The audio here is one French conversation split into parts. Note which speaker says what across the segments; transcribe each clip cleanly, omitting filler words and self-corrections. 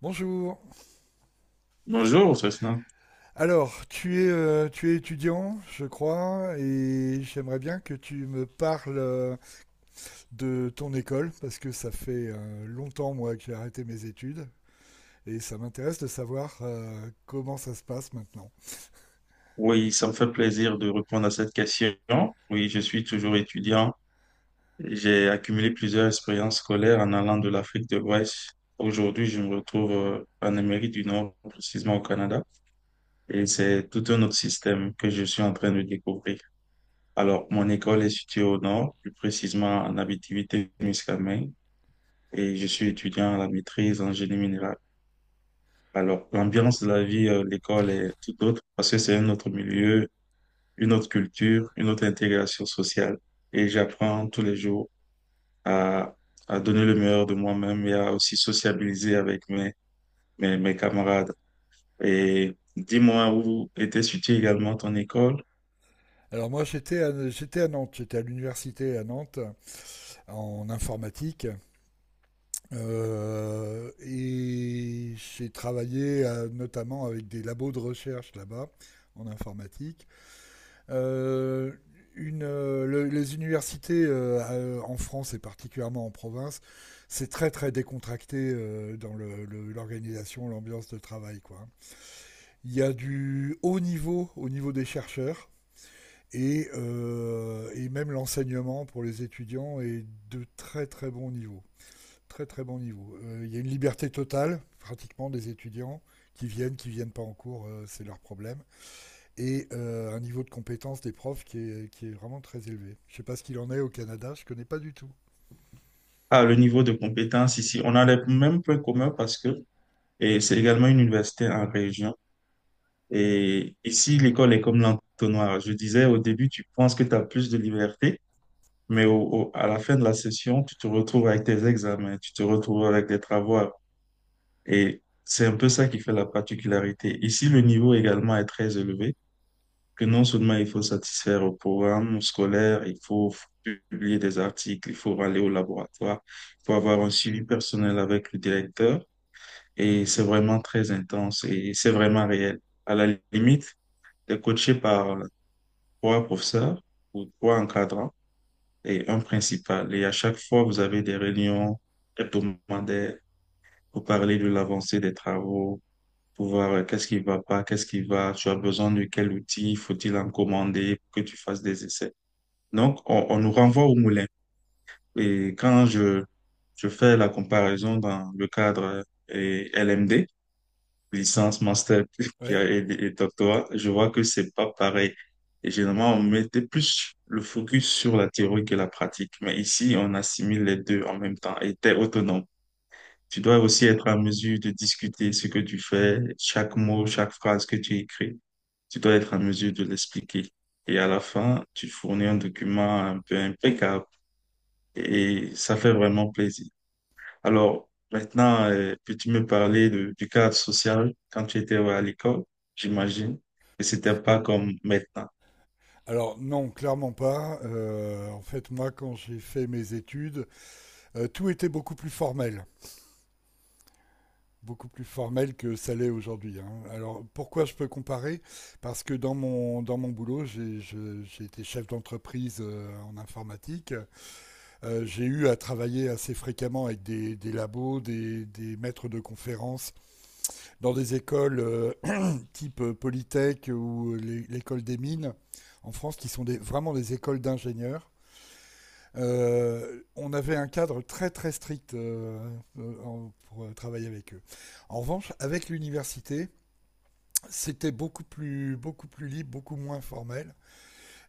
Speaker 1: Bonjour.
Speaker 2: Bonjour, Cessna.
Speaker 1: Alors, tu es étudiant, je crois, et j'aimerais bien que tu me parles de ton école, parce que ça fait longtemps, moi, que j'ai arrêté mes études, et ça m'intéresse de savoir comment ça se passe maintenant.
Speaker 2: Oui, ça me fait plaisir de répondre à cette question. Oui, je suis toujours étudiant. J'ai accumulé plusieurs expériences scolaires en allant de l'Afrique de l'Ouest. Aujourd'hui, je me retrouve en Amérique du Nord, précisément au Canada, et c'est tout un autre système que je suis en train de découvrir. Alors, mon école est située au Nord, plus précisément en Abitibi-Témiscamingue, et je suis étudiant à la maîtrise en génie minéral. Alors, l'ambiance de la vie de l'école est tout autre parce que c'est un autre milieu, une autre culture, une autre intégration sociale. Et j'apprends tous les jours à, à donner le meilleur de moi-même et à aussi sociabiliser avec mes camarades. Et dis-moi, où était située également ton école?
Speaker 1: Alors, moi, j'étais à Nantes, j'étais à l'université à Nantes, en informatique, et j'ai travaillé notamment avec des labos de recherche là-bas, en informatique. Euh, les universités en France et particulièrement en province, c'est très très décontracté dans l'organisation, l'ambiance de travail, quoi. Il y a du haut niveau au niveau des chercheurs et et même l'enseignement pour les étudiants est de très très bon niveau. Très très bon niveau. Il y a une liberté totale pratiquement des étudiants qui viennent pas en cours, c'est leur problème et un niveau de compétence des profs qui est vraiment très élevé. Je ne sais pas ce qu'il en est au Canada, je ne connais pas du tout.
Speaker 2: Ah, le niveau de compétence ici, on a les mêmes points communs, parce que et c'est également une université en région. Et ici, l'école est comme l'entonnoir. Je disais au début, tu penses que tu as plus de liberté, mais à la fin de la session, tu te retrouves avec tes examens, tu te retrouves avec des travaux. Et c'est un peu ça qui fait la particularité. Ici, le niveau également est très élevé, que non seulement il faut satisfaire au programme scolaire, il faut publier des articles, il faut aller au laboratoire, il faut avoir un suivi personnel avec le directeur. Et c'est vraiment très intense et c'est vraiment réel. À la limite, t'es coaché par trois professeurs ou trois encadrants et un principal. Et à chaque fois, vous avez des réunions hebdomadaires pour parler de l'avancée des travaux, pour voir qu'est-ce qui va pas, qu'est-ce qui va, tu as besoin de quel outil, faut-il en commander pour que tu fasses des essais. Donc, on nous renvoie au moulin. Et quand je fais la comparaison dans le cadre et LMD, licence, master puis,
Speaker 1: Oui.
Speaker 2: et doctorat, je vois que c'est pas pareil. Et généralement, on mettait plus le focus sur la théorie que la pratique. Mais ici, on assimile les deux en même temps et t'es autonome. Tu dois aussi être à mesure de discuter ce que tu fais, chaque mot, chaque phrase que tu écris, tu dois être en mesure de l'expliquer. Et à la fin, tu fournis un document un peu impeccable et ça fait vraiment plaisir. Alors, maintenant, peux-tu me parler du cadre social quand tu étais à l'école, j'imagine, et c'était pas comme maintenant.
Speaker 1: Alors non, clairement pas. En fait, moi, quand j'ai fait mes études, euh, tout était beaucoup plus formel, beaucoup plus formel que ça l'est aujourd'hui, hein. Alors pourquoi je peux comparer? Parce que dans mon boulot, j'ai été chef d'entreprise en informatique. J'ai eu à travailler assez fréquemment avec des labos, des maîtres de conférences dans des écoles type Polytech ou l'école des mines en France, qui sont vraiment des écoles d'ingénieurs. On avait un cadre très très strict pour travailler avec eux. En revanche, avec l'université, c'était beaucoup plus libre, beaucoup moins formel.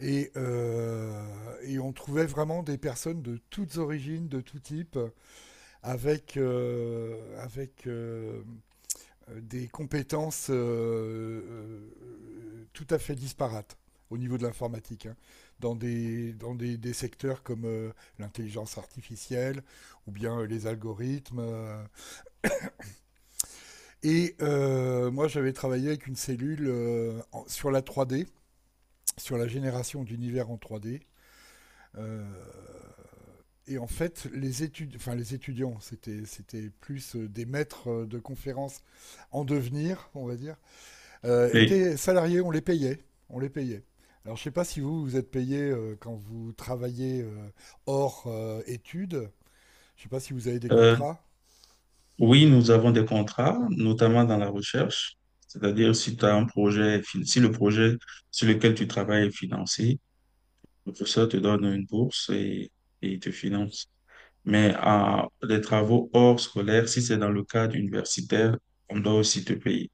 Speaker 1: Et on trouvait vraiment des personnes de toutes origines, de tout type, avec des compétences tout à fait disparates au niveau de l'informatique, hein, dans des secteurs comme l'intelligence artificielle ou bien les algorithmes. Et moi, j'avais travaillé avec une cellule sur la 3D, sur la génération d'univers en 3D. Euh, et en fait, les étudiants, c'était plus des maîtres de conférences en devenir, on va dire,
Speaker 2: Mais,
Speaker 1: étaient salariés, on les payait. On les payait. Alors je sais pas si vous, vous êtes payé quand vous travaillez hors études. Je sais pas si vous avez des
Speaker 2: euh,
Speaker 1: contrats.
Speaker 2: oui, nous avons des contrats, notamment dans la recherche. C'est-à-dire, si tu as un projet, si le projet sur lequel tu travailles est financé, le professeur te donne une bourse, et il te finance. Mais à les travaux hors scolaire, si c'est dans le cadre universitaire, on doit aussi te payer.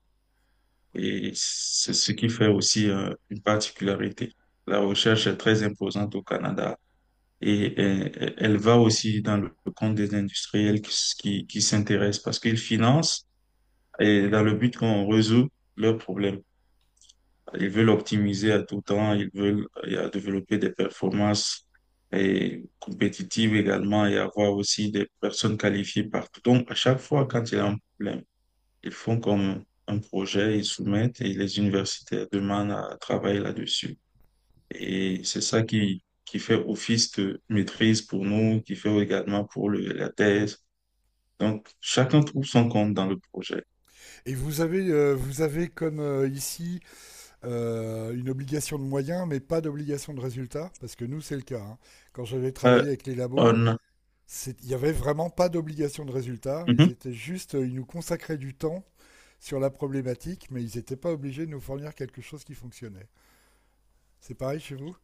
Speaker 2: Et c'est ce qui fait aussi une particularité. La recherche est très imposante au Canada, et elle va aussi dans le compte des industriels qui s'intéressent parce qu'ils financent, et dans le but qu'on résout leurs problèmes. Ils veulent optimiser à tout temps, ils veulent développer des performances et compétitives également, et avoir aussi des personnes qualifiées partout. Donc, à chaque fois, quand il y a un problème, ils font comme un projet, ils soumettent et les universitaires demandent à travailler là-dessus. Et c'est ça qui fait office de maîtrise pour nous, qui fait également pour la thèse. Donc, chacun trouve son compte dans le projet.
Speaker 1: Et vous avez comme ici une obligation de moyens, mais pas d'obligation de résultat, parce que nous c'est le cas, hein. Quand j'avais
Speaker 2: Euh,
Speaker 1: travaillé avec les labos,
Speaker 2: on...
Speaker 1: c'est- il n'y avait vraiment pas d'obligation de résultat. Ils
Speaker 2: Mhm.
Speaker 1: étaient juste, ils nous consacraient du temps sur la problématique, mais ils n'étaient pas obligés de nous fournir quelque chose qui fonctionnait. C'est pareil chez vous?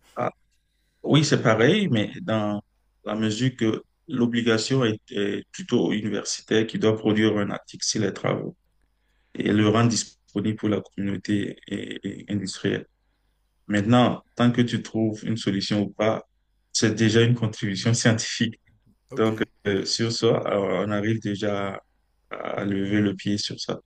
Speaker 2: Oui, c'est pareil, mais dans la mesure que l'obligation est plutôt universitaire, qui doit produire un article sur les travaux et le rendre disponible pour la communauté et industrielle. Maintenant, tant que tu trouves une solution ou pas, c'est déjà une contribution scientifique.
Speaker 1: Ok.
Speaker 2: Donc, sur ça, on arrive déjà à lever le pied sur ça.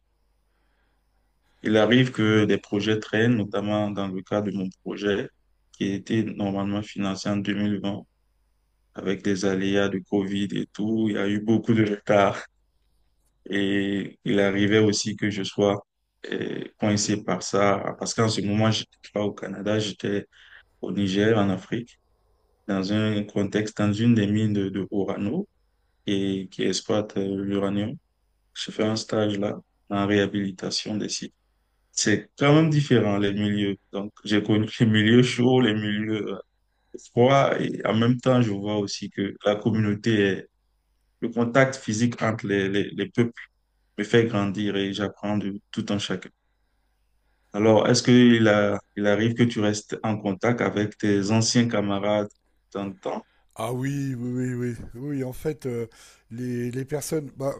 Speaker 2: Il arrive que des projets traînent, notamment dans le cas de mon projet qui a été normalement financé en 2020. Avec les aléas de Covid et tout, il y a eu beaucoup de retard, et il arrivait aussi que je sois coincé par ça parce qu'en ce moment, j'étais pas au Canada, j'étais au Niger, en Afrique, dans un contexte, dans une des mines de Orano et qui exploite l'uranium. Je fais un stage là en réhabilitation des sites. C'est quand même différent, les milieux. Donc, j'ai connu les milieux chauds, les milieux froids, et en même temps, je vois aussi que la communauté, le contact physique entre les peuples me fait grandir, et j'apprends de tout en chacun. Alors, est-ce il arrive que tu restes en contact avec tes anciens camarades dans le temps?
Speaker 1: Ah oui, oui, oui, oui. Oui, en fait, les personnes bah,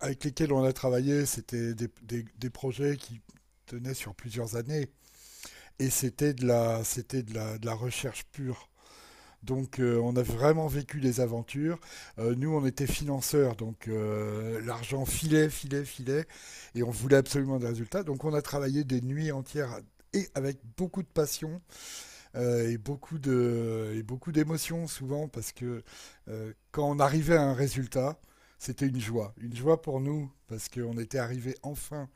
Speaker 1: avec lesquelles on a travaillé, c'était des projets qui tenaient sur plusieurs années. Et c'était de de la recherche pure. Donc, on a vraiment vécu les aventures. Nous, on était financeurs, donc l'argent filait, et on voulait absolument des résultats. Donc, on a travaillé des nuits entières et avec beaucoup de passion et beaucoup d'émotions souvent parce que quand on arrivait à un résultat, c'était une joie pour nous parce qu'on était arrivé enfin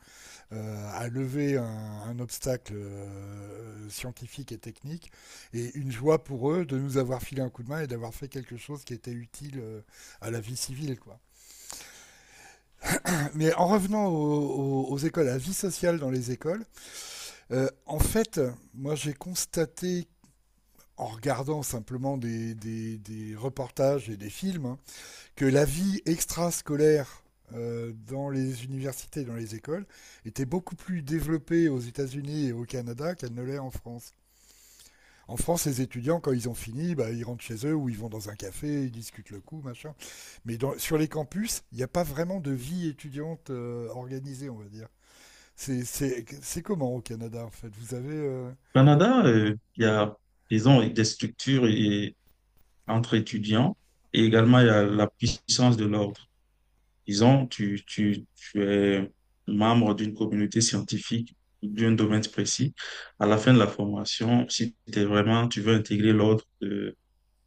Speaker 1: à lever un obstacle scientifique et technique, et une joie pour eux de nous avoir filé un coup de main et d'avoir fait quelque chose qui était utile à la vie civile, quoi. Mais en revenant aux écoles, à la vie sociale dans les écoles, euh, en fait, moi j'ai constaté en regardant simplement des reportages et des films, hein, que la vie extrascolaire dans les universités, dans les écoles, était beaucoup plus développée aux États-Unis et au Canada qu'elle ne l'est en France. En France, les étudiants, quand ils ont fini, bah, ils rentrent chez eux ou ils vont dans un café, ils discutent le coup, machin. Mais dans, sur les campus, il n'y a pas vraiment de vie étudiante organisée, on va dire. C'est comment au Canada, en fait? Vous avez.
Speaker 2: Au Canada, ils ont des structures entre étudiants, et également il y a la puissance de l'ordre. Ils ont, tu es membre d'une communauté scientifique ou d'un domaine précis. À la fin de la formation, si t'es vraiment, tu veux intégrer l'ordre de,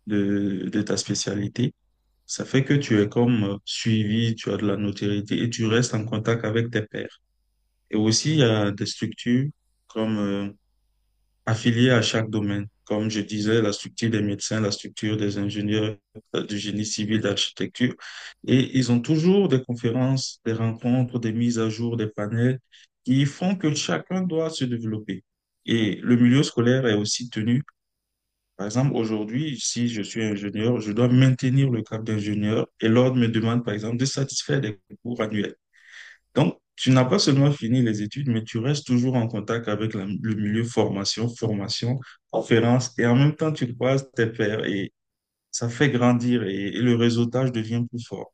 Speaker 2: de, de ta spécialité. Ça fait que tu es comme suivi, tu as de la notoriété et tu restes en contact avec tes pairs. Et aussi, il y a des structures comme affiliées à chaque domaine. Comme je disais, la structure des médecins, la structure des ingénieurs, du génie civil, d'architecture. Et ils ont toujours des conférences, des rencontres, des mises à jour, des panels qui font que chacun doit se développer. Et le milieu scolaire est aussi tenu. Par exemple, aujourd'hui, si je suis ingénieur, je dois maintenir le cap d'ingénieur et l'ordre me demande, par exemple, de satisfaire des cours annuels. Donc, tu n'as pas seulement fini les études, mais tu restes toujours en contact avec le milieu formation, formation, conférence, et en même temps, tu croises tes pairs et ça fait grandir, et le réseautage devient plus fort.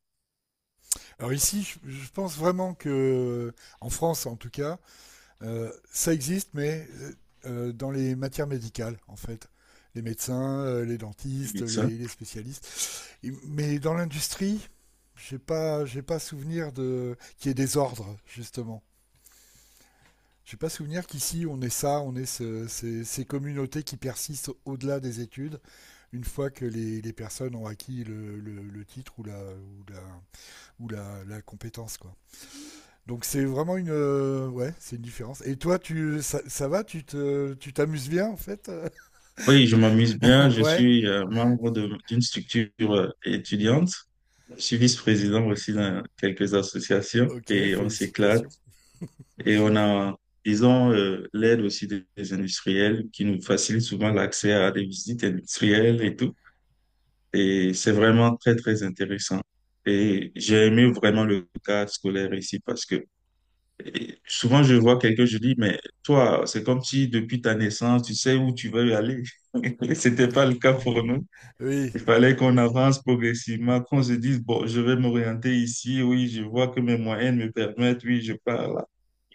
Speaker 1: Alors ici, pense vraiment que, en France en tout cas, ça existe, mais dans les matières médicales, en fait. Les médecins, les
Speaker 2: Les
Speaker 1: dentistes,
Speaker 2: médecins.
Speaker 1: les spécialistes. Et- mais dans l'industrie, j'ai pas souvenir de qu'il y ait des ordres, justement. J'ai pas souvenir qu'ici on ait ça, on ait ces communautés qui persistent au-delà des études, une fois que les personnes ont acquis le titre ou la compétence, quoi. Donc c'est vraiment une, ouais, c'est une différence. Et toi, ça va, tu t'amuses bien en fait.
Speaker 2: Oui, je m'amuse bien. Je
Speaker 1: Ouais.
Speaker 2: suis membre d'une structure étudiante. Je suis vice-président aussi dans quelques associations
Speaker 1: Ok,
Speaker 2: et on s'éclate.
Speaker 1: félicitations.
Speaker 2: Et on a, disons, l'aide aussi des industriels qui nous facilite souvent l'accès à des visites industrielles et tout. Et c'est vraiment très, très intéressant. Et j'ai aimé vraiment le cadre scolaire ici, parce que et souvent je vois quelqu'un, je dis, mais toi, c'est comme si depuis ta naissance, tu sais où tu veux aller. C'était pas le cas pour nous.
Speaker 1: Oui.
Speaker 2: Il fallait qu'on avance progressivement, qu'on se dise, bon, je vais m'orienter ici, oui, je vois que mes moyens me permettent, oui, je pars.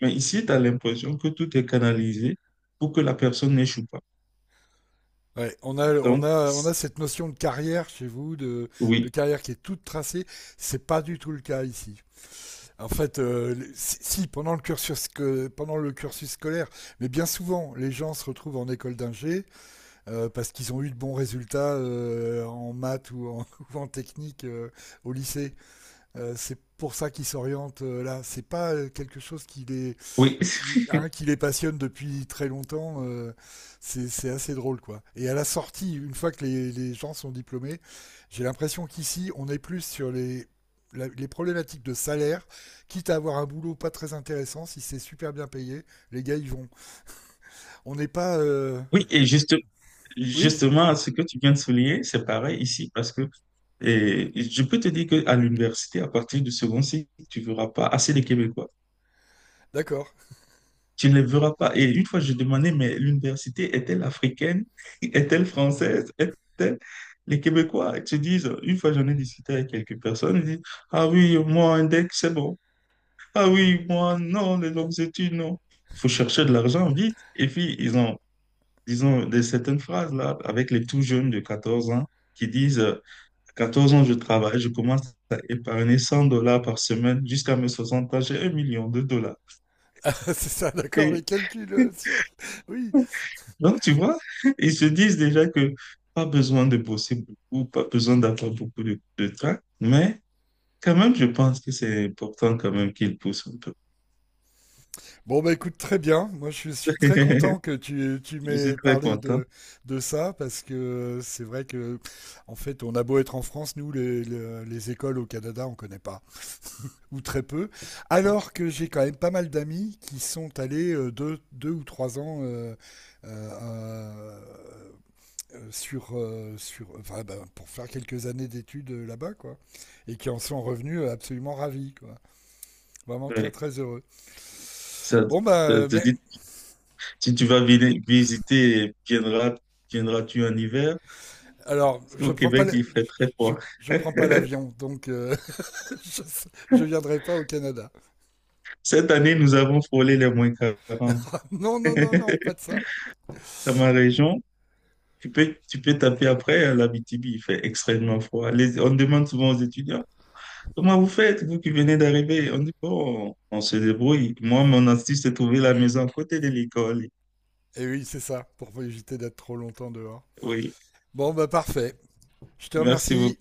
Speaker 2: Mais ici, tu as l'impression que tout est canalisé pour que la personne n'échoue pas.
Speaker 1: Ouais,
Speaker 2: Donc,
Speaker 1: on a cette notion de carrière chez vous, de
Speaker 2: oui,
Speaker 1: carrière qui est toute tracée. C'est pas du tout le cas ici. En fait, si, si, pendant pendant le cursus scolaire, mais bien souvent, les gens se retrouvent en école d'ingé parce qu'ils ont eu de bons résultats en maths ou en, ou en technique au lycée. C'est pour ça qu'il s'oriente là. C'est pas quelque chose qui les,
Speaker 2: oui,
Speaker 1: qui, hein, qui les passionne depuis très longtemps. C'est assez drôle, quoi. Et à la sortie, une fois que les gens sont diplômés, j'ai l'impression qu'ici, on est plus sur les problématiques de salaire, quitte à avoir un boulot pas très intéressant, si c'est super bien payé, les gars, ils vont. On n'est pas...
Speaker 2: oui. Et
Speaker 1: Oui,
Speaker 2: justement, ce que tu viens de souligner, c'est pareil ici, parce que et je peux te dire qu'à l'université, à partir du second cycle, tu ne verras pas assez de Québécois.
Speaker 1: d'accord.
Speaker 2: Tu ne les verras pas. Et une fois, je demandais, mais l'université est-elle africaine? Est-elle française? Est-elle... Les Québécois, ils te disent, une fois j'en ai discuté avec quelques personnes, ils disent, ah oui, moi, un deck, c'est bon. Ah oui, moi, non, les longues études, non. Il faut chercher de l'argent vite. Et puis, ils ont, disons, des certaines phrases là, avec les tout jeunes de 14 ans qui disent, à 14 ans, je travaille, je commence à épargner 100 $ par semaine jusqu'à mes 60 ans, j'ai 1 million de dollars.
Speaker 1: C'est ça, d'accord, les
Speaker 2: Et
Speaker 1: calculs. Oui,
Speaker 2: donc, tu vois, ils se disent déjà que pas besoin de bosser beaucoup, pas besoin d'avoir beaucoup de temps, mais quand même, je pense que c'est important quand même qu'ils poussent un peu.
Speaker 1: bon, bah écoute, très bien. Moi, je suis très content que tu
Speaker 2: Je suis
Speaker 1: m'aies
Speaker 2: très
Speaker 1: parlé
Speaker 2: content.
Speaker 1: de ça parce que c'est vrai que, en fait, on a beau être en France, nous, les écoles au Canada, on connaît pas, ou très peu. Alors que j'ai quand même pas mal d'amis qui sont allés deux ou trois ans euh, euh, ben, pour faire quelques années d'études là-bas, quoi. Et qui en sont revenus absolument ravis, quoi. Vraiment très,
Speaker 2: Ouais.
Speaker 1: très heureux.
Speaker 2: Ça,
Speaker 1: Bon,
Speaker 2: ça
Speaker 1: bah,
Speaker 2: te
Speaker 1: mer-
Speaker 2: dit, si tu vas visiter, viendras-tu en hiver?
Speaker 1: Alors,
Speaker 2: Parce qu'au Québec, il fait très
Speaker 1: je,
Speaker 2: froid.
Speaker 1: je prends pas l'avion, donc je, je viendrai pas au Canada.
Speaker 2: Cette année, nous avons frôlé les -40.
Speaker 1: Non, non, non, non, pas de ça.
Speaker 2: Dans ma région, tu peux, taper après, à l'Abitibi, il fait extrêmement froid. On demande souvent aux étudiants, comment vous faites, vous qui venez d'arriver? On dit, bon, on se débrouille. Moi, mon astuce, c'est trouver la maison à côté de l'école.
Speaker 1: Et oui, c'est ça, pour éviter d'être trop longtemps dehors.
Speaker 2: Oui,
Speaker 1: Bon, bah parfait. Je te
Speaker 2: merci beaucoup.
Speaker 1: remercie.